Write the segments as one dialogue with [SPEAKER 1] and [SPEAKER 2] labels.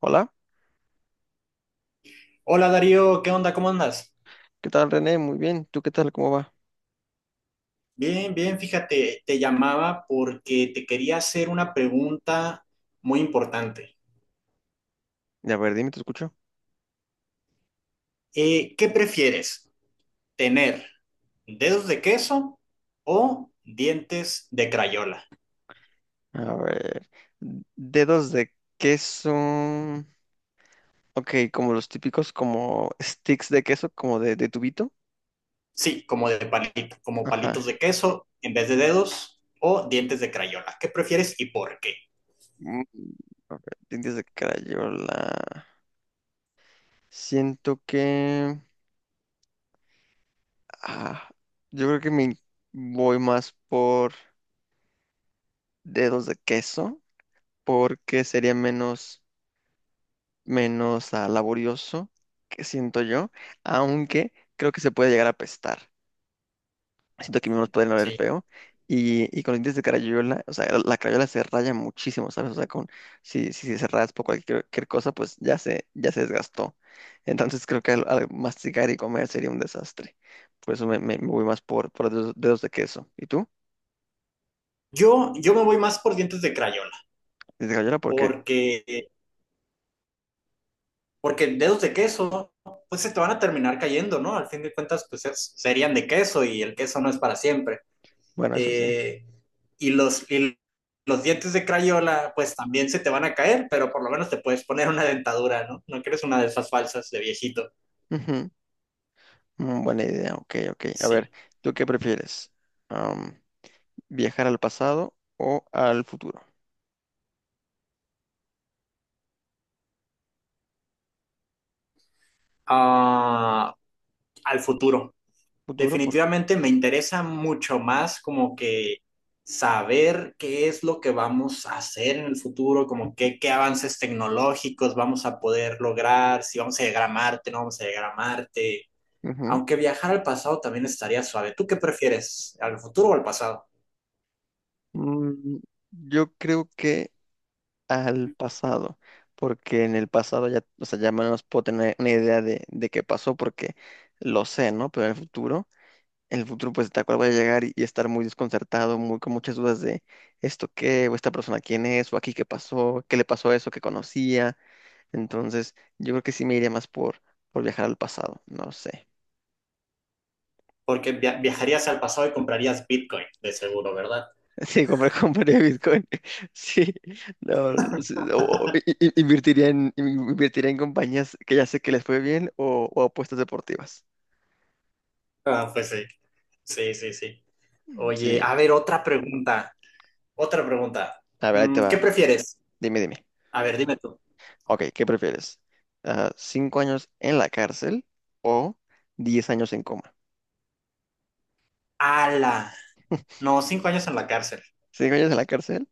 [SPEAKER 1] Hola,
[SPEAKER 2] Hola Darío, ¿qué onda? ¿Cómo andas?
[SPEAKER 1] ¿qué tal, René? Muy bien, ¿tú qué tal? ¿Cómo va?
[SPEAKER 2] Bien, bien, fíjate, te llamaba porque te quería hacer una pregunta muy importante.
[SPEAKER 1] A ver, dime, te escucho.
[SPEAKER 2] ¿Qué prefieres? ¿Tener dedos de queso o dientes de crayola?
[SPEAKER 1] A ver, dedos de queso. Ok, como los típicos, como sticks de queso, como de tubito.
[SPEAKER 2] Sí, como de palito, como
[SPEAKER 1] Ajá.
[SPEAKER 2] palitos de queso en vez de dedos o dientes de crayola. ¿Qué prefieres y por qué?
[SPEAKER 1] Mm, a ver, dientes de crayola. Siento que... ah, yo creo que me voy más por dedos de queso, porque sería menos... menos laborioso, que siento yo, aunque creo que se puede llegar a apestar. Siento que mismos pueden oler
[SPEAKER 2] Sí.
[SPEAKER 1] feo. Y con los dientes de carayola, o sea, la carayola se raya muchísimo, ¿sabes? O sea, con, si se raspa o cualquier cosa, pues ya se desgastó. Entonces creo que al masticar y comer sería un desastre. Por eso me voy más por dedos de queso. ¿Y tú?
[SPEAKER 2] Yo me voy más por dientes de crayola
[SPEAKER 1] ¿Dientes de carayola? ¿Por qué?
[SPEAKER 2] porque Porque dedos de queso, pues se te van a terminar cayendo, ¿no? Al fin de cuentas, pues serían de queso y el queso no es para siempre.
[SPEAKER 1] Bueno, eso sí.
[SPEAKER 2] Eh, y los dientes de Crayola, pues también se te van a caer, pero por lo menos te puedes poner una dentadura, ¿no? No quieres una de esas falsas de viejito.
[SPEAKER 1] Ujú. Mm, buena idea. Ok, ok. A ver,
[SPEAKER 2] Sí.
[SPEAKER 1] ¿tú qué prefieres? Um, ¿Viajar al pasado o al futuro?
[SPEAKER 2] Ah, al futuro.
[SPEAKER 1] Futuro por...
[SPEAKER 2] Definitivamente me interesa mucho más como que saber qué es lo que vamos a hacer en el futuro, como que, qué avances tecnológicos vamos a poder lograr, si vamos a llegar a Marte, no vamos a llegar a Marte.
[SPEAKER 1] Ujú.
[SPEAKER 2] Aunque viajar al pasado también estaría suave. ¿Tú qué prefieres, al futuro o al pasado?
[SPEAKER 1] Mm, yo creo que al pasado, porque en el pasado ya, o sea, ya menos puedo tener una idea de qué pasó porque lo sé, ¿no? Pero en el futuro pues tal cual voy a llegar y estar muy desconcertado, muy con muchas dudas de esto qué, o esta persona quién es, o aquí qué pasó, qué le pasó a eso que conocía. Entonces, yo creo que sí me iría más por viajar al pasado, no sé.
[SPEAKER 2] Porque viajarías al pasado y comprarías Bitcoin, de seguro, ¿verdad?
[SPEAKER 1] Sí, compraría Bitcoin. Sí, no, sí, o- i- i- invertiría en, invertiría en compañías que ya sé que les fue bien o apuestas deportivas.
[SPEAKER 2] Ah, pues sí, sí, sí, sí.
[SPEAKER 1] Mm.
[SPEAKER 2] Oye,
[SPEAKER 1] Sí,
[SPEAKER 2] a ver, otra pregunta, otra pregunta.
[SPEAKER 1] a ver, ahí te
[SPEAKER 2] ¿Qué
[SPEAKER 1] va.
[SPEAKER 2] prefieres?
[SPEAKER 1] Dime, dime.
[SPEAKER 2] A ver, dime tú.
[SPEAKER 1] Ok, ¿qué prefieres? Ah, ¿cinco años en la cárcel o diez años en coma?
[SPEAKER 2] ¡Hala! No, 5 años en la cárcel.
[SPEAKER 1] ¿Cinco años en la cárcel?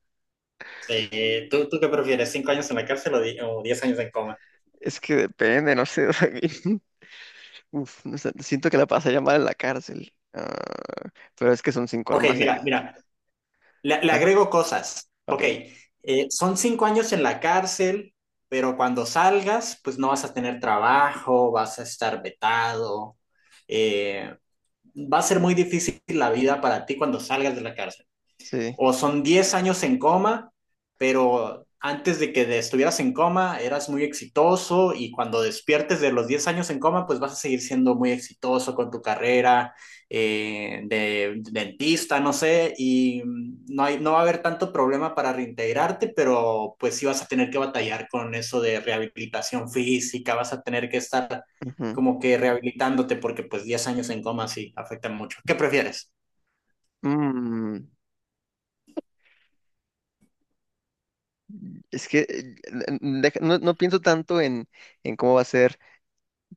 [SPEAKER 2] Sí, ¿tú qué prefieres? ¿5 años en la cárcel o, o 10 años en coma?
[SPEAKER 1] Es que depende, no sé. o sea, que- Uf, no sé, siento que la pasaría mal en la cárcel. Ah, pero es que son cinco
[SPEAKER 2] Ok,
[SPEAKER 1] nomás. Eh.
[SPEAKER 2] mira, mira, le
[SPEAKER 1] Ah,
[SPEAKER 2] agrego cosas.
[SPEAKER 1] ok,
[SPEAKER 2] Ok, son 5 años en la cárcel, pero cuando salgas, pues no vas a tener trabajo, vas a estar vetado. eh, va a ser muy difícil la vida para ti cuando salgas de la cárcel.
[SPEAKER 1] sí.
[SPEAKER 2] O son 10 años en coma, pero antes de que estuvieras en coma eras muy exitoso y cuando despiertes de los 10 años en coma, pues vas a seguir siendo muy exitoso con tu carrera, de dentista, no sé, y no hay, no va a haber tanto problema para reintegrarte, pero pues sí vas a tener que batallar con eso de rehabilitación física, vas a tener que estar
[SPEAKER 1] Ujú.
[SPEAKER 2] como que rehabilitándote porque pues 10 años en coma sí afectan mucho. ¿Qué prefieres?
[SPEAKER 1] Mm, es que deja- no, no pienso tanto en cómo va a ser,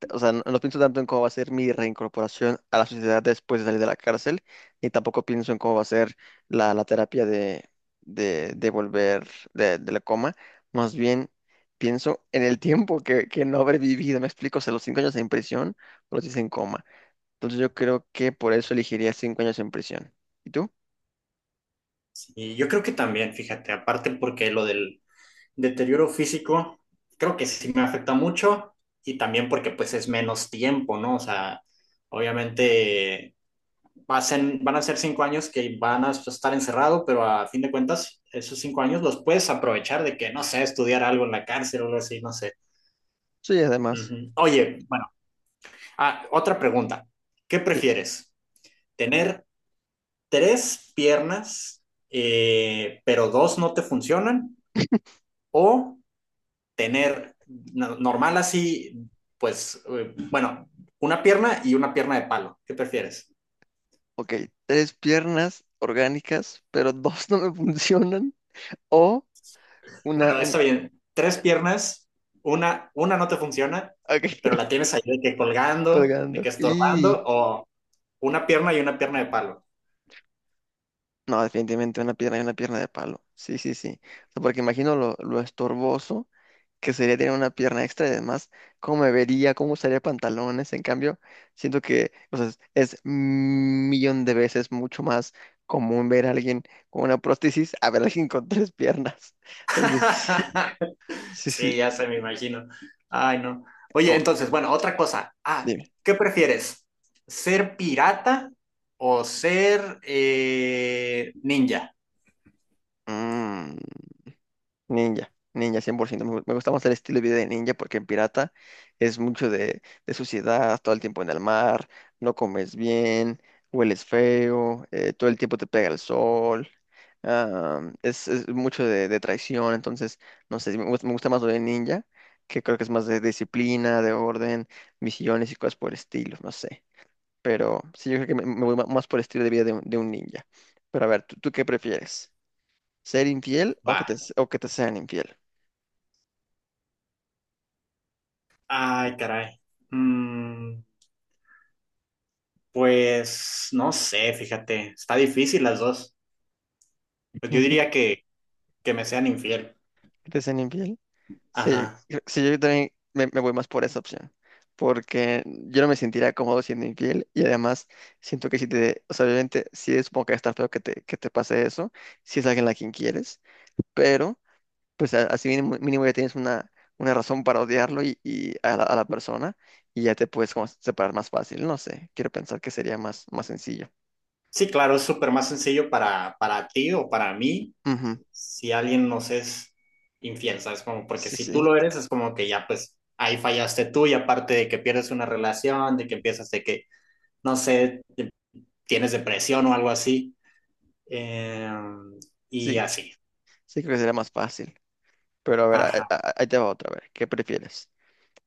[SPEAKER 1] o sea, no, no pienso tanto en cómo va a ser mi reincorporación a la sociedad después de salir de la cárcel, ni tampoco pienso en cómo va a ser la terapia de volver de la coma. Más bien pienso en el tiempo que no habré vivido. Me explico, o sea, los cinco años en prisión o los diez en coma. Entonces yo creo que por eso elegiría cinco años en prisión. ¿Y tú?
[SPEAKER 2] Y yo creo que también, fíjate, aparte porque lo del deterioro físico, creo que sí me afecta mucho y también porque pues es menos tiempo, ¿no? O sea, obviamente van a ser 5 años que van a estar encerrado, pero a fin de cuentas, esos 5 años los puedes aprovechar de que, no sé, estudiar algo en la cárcel o algo así, no sé.
[SPEAKER 1] Sí, además.
[SPEAKER 2] Ujú. Oye, bueno, otra pregunta. ¿Qué
[SPEAKER 1] Sí.
[SPEAKER 2] prefieres? ¿Tener tres piernas, pero dos no te funcionan? ¿O tener normal así, pues, bueno, una pierna y una pierna de palo? ¿Qué prefieres?
[SPEAKER 1] Ok, tres piernas orgánicas, pero dos no me funcionan. O
[SPEAKER 2] Bueno,
[SPEAKER 1] una,
[SPEAKER 2] está bien. Tres piernas, una no te funciona,
[SPEAKER 1] ok,
[SPEAKER 2] pero la tienes ahí de que colgando, de
[SPEAKER 1] colgando.
[SPEAKER 2] que
[SPEAKER 1] Y
[SPEAKER 2] estorbando, o una pierna y una pierna de palo.
[SPEAKER 1] no, definitivamente una pierna y una pierna de palo. Sí, sí, sí. O sea, porque imagino lo estorboso que sería tener una pierna extra y además cómo me vería, cómo usaría pantalones. En cambio, siento que, o sea, es un millón de veces mucho más común ver a alguien con una prótesis a ver a alguien con tres piernas. Entonces, sí, sí.
[SPEAKER 2] Sí, ya
[SPEAKER 1] Sí.
[SPEAKER 2] se me imagino. Ay, no. Oye,
[SPEAKER 1] Ok,
[SPEAKER 2] entonces, bueno, otra cosa. ¿Qué prefieres? ¿Ser pirata o ser ninja?
[SPEAKER 1] mm, ninja, ninja, 100%. Me gusta más el estilo de vida de ninja porque en pirata es mucho de suciedad, todo el tiempo en el mar, no comes bien, hueles feo, todo el tiempo te pega el sol. Es mucho de traición, entonces, no sé, me, gust- me gusta más lo de ninja, que creo que es más de disciplina, de orden, misiones y cosas por el estilo, no sé. Pero sí, yo creo que me voy ma- más por el estilo de vida de un ninja. Pero a ver, ¿tú qué prefieres? ¿Ser infiel o
[SPEAKER 2] Va.
[SPEAKER 1] o que te sean infiel?
[SPEAKER 2] Ay, caray. Mm, pues no sé, fíjate, está difícil las dos. Pues yo
[SPEAKER 1] Ujú.
[SPEAKER 2] diría que me sean infiel.
[SPEAKER 1] ¿Que te sean infiel? Sí, yo,
[SPEAKER 2] Ajá.
[SPEAKER 1] creo- sí, yo también me voy más por esa opción, porque yo no me sentiría cómodo siendo infiel y además siento que si te, o sea, obviamente sí supongo que está feo que te pase eso, si es alguien a quien quieres, pero pues a- así mínimo, mínimo ya tienes una razón para odiarlo y a a la persona y ya te puedes como separar más fácil, no sé, quiero pensar que sería más, más sencillo.
[SPEAKER 2] Sí, claro, es súper más sencillo para ti o para mí
[SPEAKER 1] Ujú.
[SPEAKER 2] si alguien nos es infiel, ¿sabes? Como porque
[SPEAKER 1] Sí,
[SPEAKER 2] si tú
[SPEAKER 1] sí,
[SPEAKER 2] lo eres, es como que ya pues ahí fallaste tú y aparte de que pierdes una relación, de que empiezas de que, no sé, tienes depresión o algo así. Eh, y
[SPEAKER 1] sí,
[SPEAKER 2] así.
[SPEAKER 1] sí creo que sería más fácil. Pero a ver,
[SPEAKER 2] Ajá.
[SPEAKER 1] a- ahí te va otra vez. ¿Qué prefieres?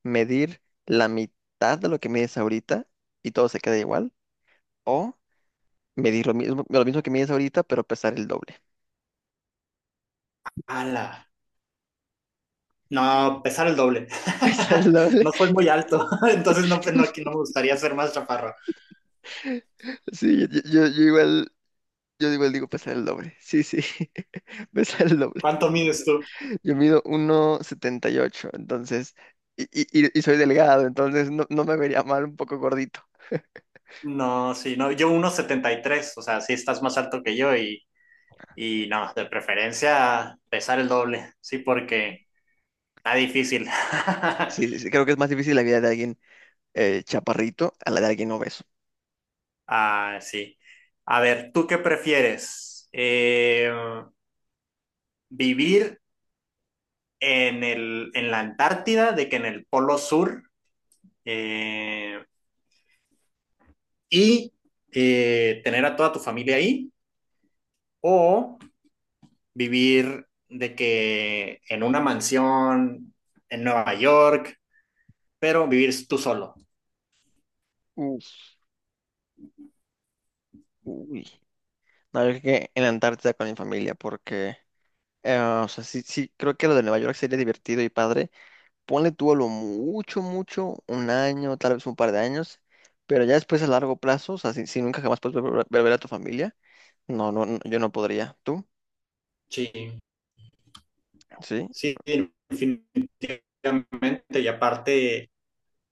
[SPEAKER 1] ¿Medir la mitad de lo que mides ahorita y todo se queda igual? ¿O medir lo mismo que mides ahorita, pero pesar el doble?
[SPEAKER 2] Ala. No, pesar el doble.
[SPEAKER 1] ¿Pesar el doble?
[SPEAKER 2] No soy muy alto, entonces no, no, aquí no me gustaría ser más chaparro.
[SPEAKER 1] Sí, yo igual, yo igual digo pesar el doble. Sí, sí, pesar el doble.
[SPEAKER 2] ¿Cuánto mides tú?
[SPEAKER 1] Yo mido 1,78, entonces, y soy delgado, entonces no, no me vería mal un poco gordito.
[SPEAKER 2] No, sí, no, yo 1,73. O sea, sí estás más alto que yo y no, de preferencia pesar el doble, sí, porque está difícil.
[SPEAKER 1] Sí, sí, sí, creo que es más difícil la vida de alguien chaparrito a la de alguien obeso.
[SPEAKER 2] Ah, sí. A ver, ¿tú qué prefieres? ¿Vivir en el, en la Antártida de que en el Polo Sur? Eh, y tener a toda tu familia ahí o vivir de que en una mansión en Nueva York, pero vivir tú solo.
[SPEAKER 1] Uf, uy. No, yo creo que en la Antártida con mi familia, porque, o sea, sí, sí, creo que lo de Nueva York sería divertido y padre. Ponle tú a lo mucho, mucho, un año, tal vez un par de años, pero ya después a largo plazo, o sea, si nunca jamás puedes vol- volver a ver a tu familia, no, no, no, yo no podría. ¿Tú?
[SPEAKER 2] Sí,
[SPEAKER 1] Sí,
[SPEAKER 2] sí, definitivamente. Y aparte,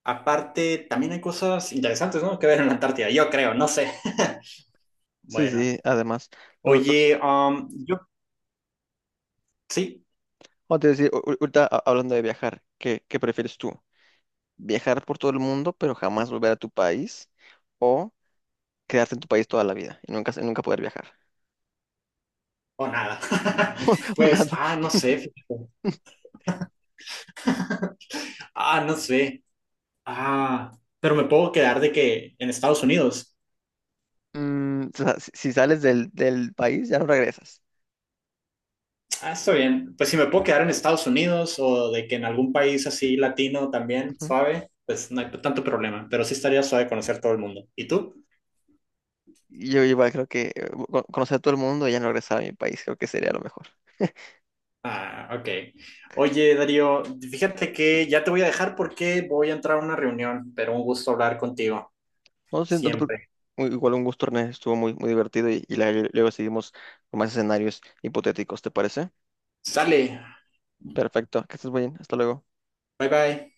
[SPEAKER 2] aparte, también hay cosas interesantes, ¿no? Que ver en la Antártida, yo creo, no sé.
[SPEAKER 1] sí,
[SPEAKER 2] Bueno,
[SPEAKER 1] sí, además. o- o-
[SPEAKER 2] oye, yo sí
[SPEAKER 1] o te decía, o- ahorita a- hablando de viajar, qué prefieres tú? ¿Viajar por todo el mundo, pero jamás volver a tu país? ¿O quedarte en tu país toda la vida y nunca, nunca poder viajar?
[SPEAKER 2] o nada.
[SPEAKER 1] Una
[SPEAKER 2] Pues, no sé, fíjate. No sé. Ah, pero me puedo quedar de que en Estados Unidos.
[SPEAKER 1] mm, o sea, si sales del país, ya no regresas.
[SPEAKER 2] Ah, está bien. Pues si me puedo quedar en Estados Unidos o de que en algún país así latino también,
[SPEAKER 1] Ujú.
[SPEAKER 2] suave, pues no hay tanto problema. Pero sí estaría suave conocer todo el mundo. ¿Y tú?
[SPEAKER 1] Y yo igual creo que con- conocer a todo el mundo y ya no regresar a mi país, creo que sería lo mejor.
[SPEAKER 2] Ah, ok. Oye, Darío, fíjate que ya te voy a dejar porque voy a entrar a una reunión, pero un gusto hablar contigo.
[SPEAKER 1] No sé, no te preocu-
[SPEAKER 2] Siempre.
[SPEAKER 1] u- igual un gusto, Ernesto, estuvo muy, muy divertido y la- luego seguimos con más escenarios hipotéticos, ¿te parece?
[SPEAKER 2] Sale.
[SPEAKER 1] Perfecto, que estés bien, hasta luego.
[SPEAKER 2] Bye bye.